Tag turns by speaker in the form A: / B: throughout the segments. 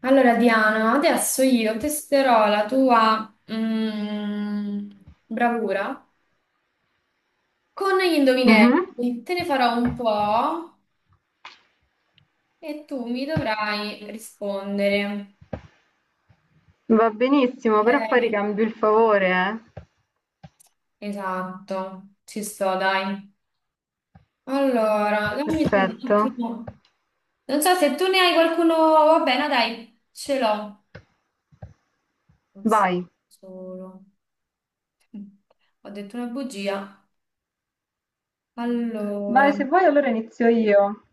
A: Allora, Diana, adesso io testerò la tua bravura con gli
B: Mh-mh.
A: indovinelli. Te ne farò un po' e tu mi dovrai rispondere.
B: Va benissimo, però poi
A: Ok?
B: ricambio il favore, eh.
A: Esatto, ci sto, dai. Allora, dammi solo un
B: Perfetto.
A: attimo. Non so se tu ne hai qualcuno. Va bene, dai, ce l'ho. Un
B: Vai.
A: solo. Ho detto una bugia.
B: Vai,
A: Allora.
B: se vuoi allora inizio io.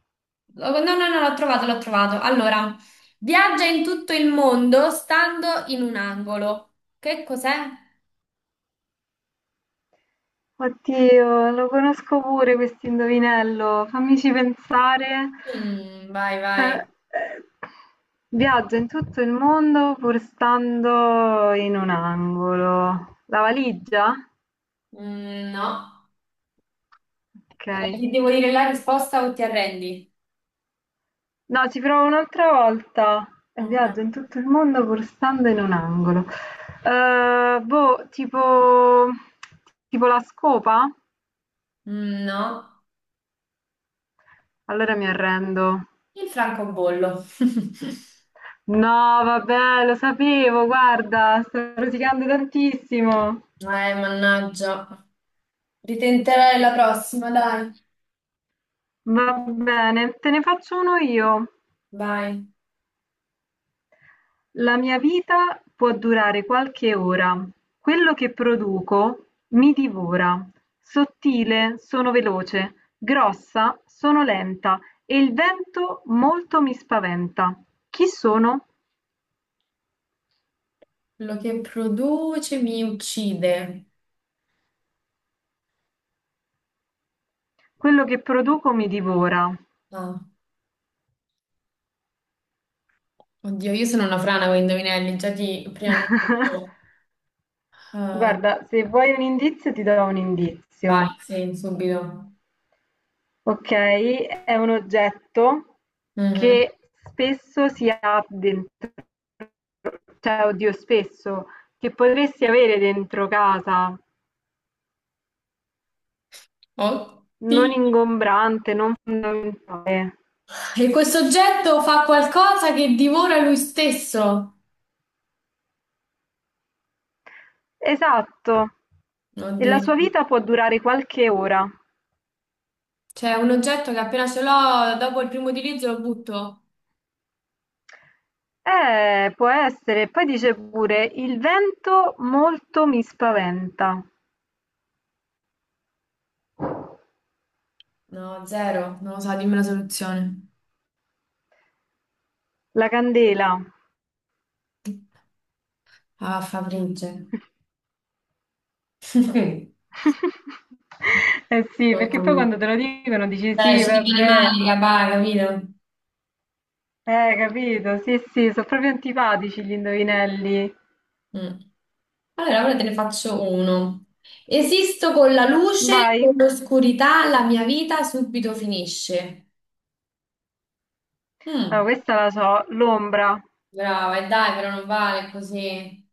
A: Oh, no, no, no, l'ho trovato, l'ho trovato. Allora, viaggia in tutto il mondo stando in un angolo. Che cos'è?
B: Oddio, lo conosco pure questo indovinello. Fammici pensare.
A: Mm, vai,
B: Eh,
A: vai.
B: eh, Viaggia in tutto il mondo pur stando in un angolo. La valigia?
A: Mm, no.
B: Okay.
A: Ti devo dire la risposta o ti arrendi?
B: No, ci provo un'altra volta. E
A: Ok.
B: viaggio in tutto il mondo pur stando in un angolo. Boh, tipo la scopa?
A: Mm, no.
B: Allora mi arrendo.
A: Il francobollo.
B: No, vabbè, lo sapevo, guarda, sto rosicando tantissimo.
A: Eh, mannaggia. Ritenterai la prossima, dai.
B: Va bene, te ne faccio uno io.
A: Vai.
B: La mia vita può durare qualche ora, quello che produco mi divora, sottile sono veloce, grossa sono lenta e il vento molto mi spaventa. Chi sono?
A: Quello che produce mi uccide.
B: Quello che produco mi divora.
A: No. Oddio, io sono una frana con i indovinelli, già ti preannuncio. Ah,
B: Guarda, se vuoi un indizio ti do un indizio.
A: vai, sì, subito.
B: Okay, è un oggetto
A: Mhm.
B: che spesso si ha dentro, cioè oddio spesso, che potresti avere dentro casa, non
A: Oddio.
B: ingombrante, non fondamentale.
A: E questo oggetto fa qualcosa che divora lui stesso.
B: Esatto. E la
A: Oddio.
B: sua vita può durare qualche ora.
A: Cioè, un oggetto che appena ce l'ho, dopo il primo utilizzo lo butto.
B: Può essere. Poi dice pure: "Il vento molto mi spaventa".
A: No, zero. Non lo so, dimmi la soluzione.
B: La candela.
A: Ah, Fabrizio.
B: Eh sì, perché poi quando te lo dicono dici:
A: Cioè,
B: "Sì,
A: ci dicono i
B: vabbè".
A: mali, raga, capito?
B: Capito? Sì, sì, sono proprio antipatici gli indovinelli.
A: Mm. Allora, ora te ne faccio uno. Esisto con la luce,
B: Vai.
A: con l'oscurità, la mia vita subito finisce.
B: Allora,
A: Mm,
B: questa la so, l'ombra.
A: brava, e dai, però non vale così.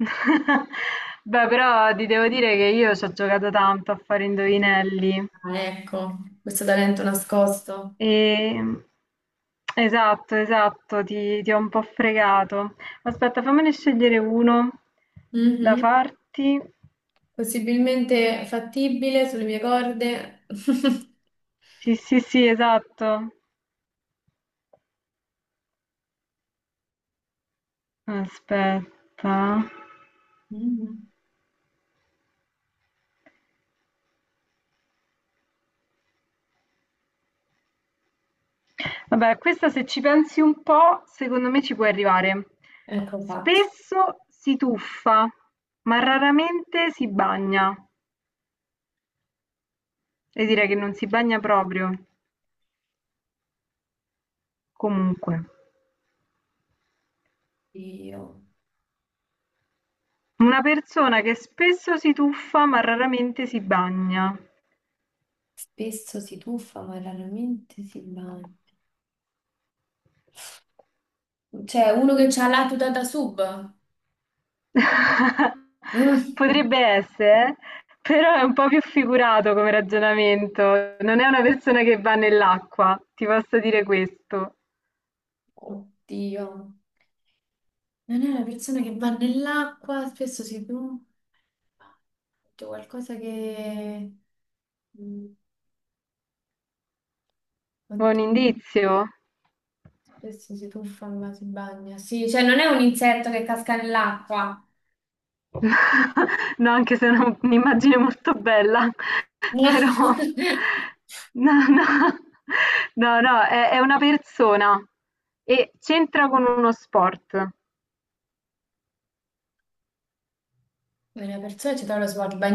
B: Beh, però ti devo dire che io ci ho giocato tanto a fare indovinelli.
A: Ah, ecco, questo talento nascosto.
B: E... esatto, esatto, ti ho un po' fregato. Aspetta, fammene scegliere uno da
A: Mhm.
B: farti.
A: Possibilmente fattibile sulle mie corde.
B: Sì, sì, sì, esatto. Aspetta.
A: Mhm.
B: Vabbè, questa se ci pensi un po', secondo me ci puoi arrivare.
A: Ecco fatto.
B: Spesso si tuffa, ma raramente si bagna. E direi che non si bagna proprio. Comunque,
A: Io
B: una persona che spesso si tuffa, ma raramente si bagna.
A: spesso si tuffa, ma raramente si bagna. C'è uno che ha la tuta da sub.
B: Potrebbe essere, eh? Però è un po' più figurato come ragionamento. Non è una persona che va nell'acqua, ti posso dire questo.
A: Oddio, non è una persona che va nell'acqua, spesso si tuffa, c'è qualcosa che... mm,
B: Buon
A: oddio,
B: indizio?
A: spesso si tuffa ma si bagna. Sì, cioè non è un insetto che casca nell'acqua.
B: No, anche se non un'immagine molto bella, però no, no, è una persona e c'entra con uno sport.
A: No. Una persona ci trova lo sguardo.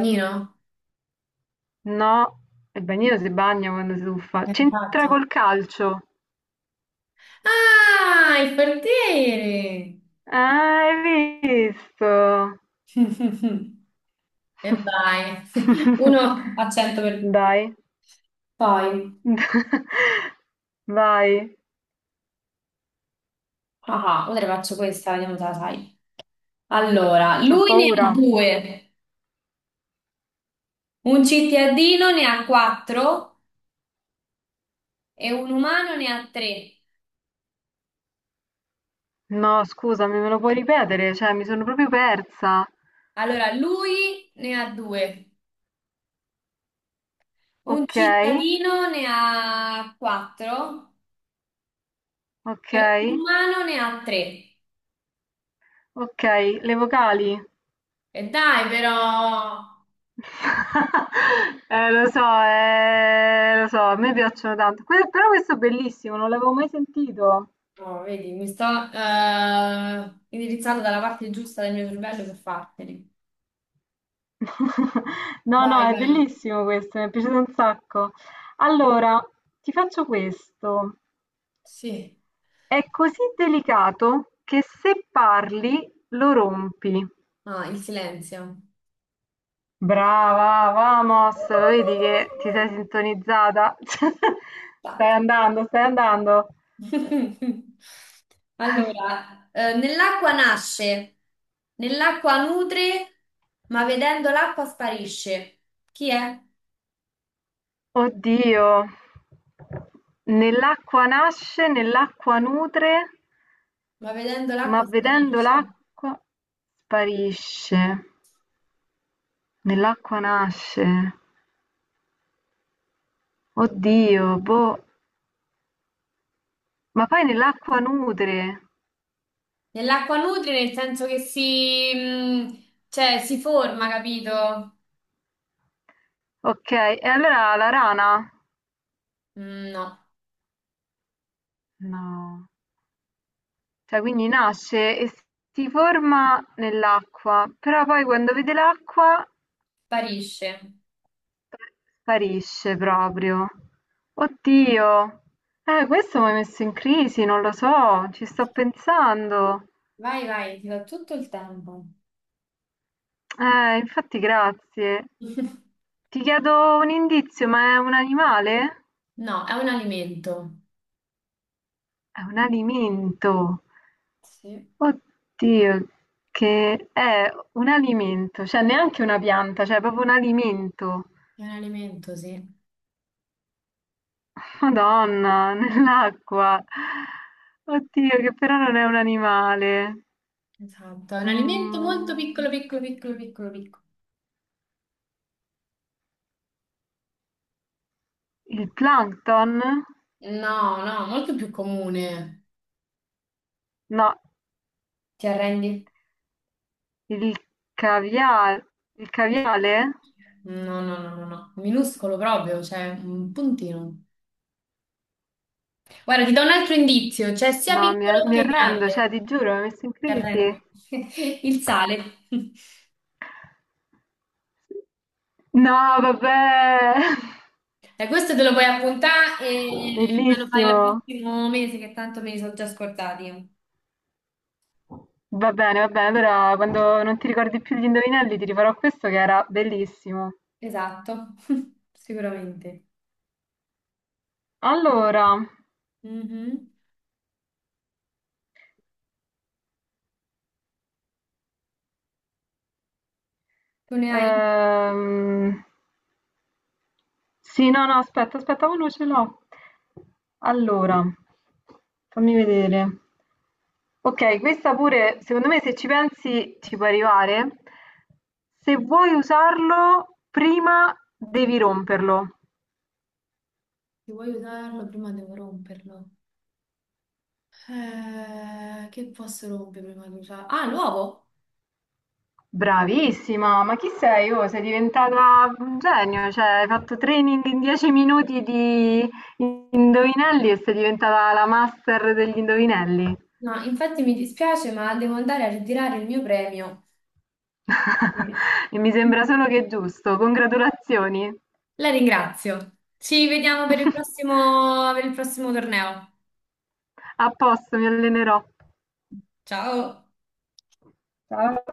B: No, il bagnino si bagna quando si tuffa. C'entra
A: Infatti.
B: col calcio.
A: Ah, il portiere!
B: Ah, hai visto?
A: E vai. Uno a 100 per...
B: Dai,
A: Poi,
B: vai,
A: ah, ah, ora te ne faccio questa, vediamo se la sai. Allora,
B: ho
A: lui ne
B: paura.
A: ha due, un cittadino ne ha quattro e un umano ne ha tre.
B: No, scusami, me lo puoi ripetere? Cioè, mi sono proprio persa.
A: Allora, lui ne ha due, un
B: Okay,
A: cittadino ne ha quattro e un
B: okay,
A: umano ne ha tre.
B: okay. Le vocali?
A: E dai, però,
B: Lo so, a me piacciono tanto. Però questo è bellissimo, non l'avevo mai sentito.
A: oh, vedi, mi sto indirizzando dalla parte giusta del mio cervello per farteli.
B: No, no,
A: Vai,
B: è
A: vai.
B: bellissimo questo, mi è piaciuto un sacco. Allora, ti faccio questo.
A: Sì.
B: È così delicato che se parli lo rompi.
A: Ah, il silenzio.
B: Brava, vamos, lo vedi che ti sei sintonizzata? Stai andando, stai andando.
A: Allora, nell'acqua nasce, nell'acqua nutre, ma vedendo l'acqua sparisce. Chi è?
B: Oddio, nell'acqua nasce, nell'acqua nutre,
A: Ma vedendo
B: ma
A: l'acqua
B: vedendo
A: sparisce.
B: l'acqua sparisce. Nell'acqua nasce. Oddio, boh, ma poi nell'acqua nutre.
A: Nell'acqua nutre nel senso che si, cioè, si forma, capito?
B: Ok, e allora la rana?
A: Mm, no,
B: No. Cioè quindi nasce e si forma nell'acqua, però poi quando vede l'acqua
A: sparisce.
B: sparisce proprio. Oddio, questo mi ha messo in crisi, non lo so, ci sto pensando.
A: Vai, vai, ti do tutto il tempo.
B: Infatti grazie. Ti chiedo un indizio, ma è un animale?
A: No, è un alimento.
B: È un alimento.
A: Sì.
B: Oddio, che è un alimento, cioè neanche una pianta, cioè proprio un alimento.
A: È un alimento, sì.
B: Madonna, nell'acqua. Oddio, che però non è un animale.
A: Esatto, è un alimento molto
B: Mm,
A: piccolo, piccolo, piccolo, piccolo, piccolo.
B: il plankton?
A: No, no, molto più comune.
B: No,
A: Ti arrendi?
B: il caviale. Il caviale?
A: No, no, no, no, no. Minuscolo proprio, cioè un puntino. Guarda, ti do un altro indizio, cioè sia
B: No,
A: piccolo
B: mi
A: che
B: arrendo,
A: grande.
B: cioè ti giuro, mi hai messo in
A: Ti
B: crisi.
A: arrendi. Il sale.
B: No, vabbè.
A: E questo te lo puoi appuntare e me lo fai il
B: Bellissimo.
A: prossimo mese, che tanto me li sono già scordati.
B: Va bene, va bene. Allora, quando non ti ricordi più gli indovinelli, ti rifarò questo che era bellissimo.
A: Esatto, sicuramente.
B: Allora.
A: Mhm. Tu ne hai?
B: Ehm, sì, aspetta, oh, no, ce l'ho. Allora, fammi vedere. Ok, questa pure, secondo me, se ci pensi, ci può arrivare. Se vuoi usarlo, prima devi romperlo.
A: Se vuoi usarlo prima devo romperlo. Che posso rompere prima di usarlo? Ah, l'uovo!
B: Bravissima, ma chi sei? Oh, sei diventata un genio, cioè hai fatto training in 10 minuti di indovinelli e sei diventata la master degli indovinelli.
A: No, infatti mi dispiace, ma devo andare a ritirare il mio premio. Sì.
B: E mi sembra solo che è giusto. Congratulazioni.
A: La ringrazio. Ci vediamo per il prossimo torneo.
B: A posto, mi allenerò.
A: Ciao.
B: Ciao.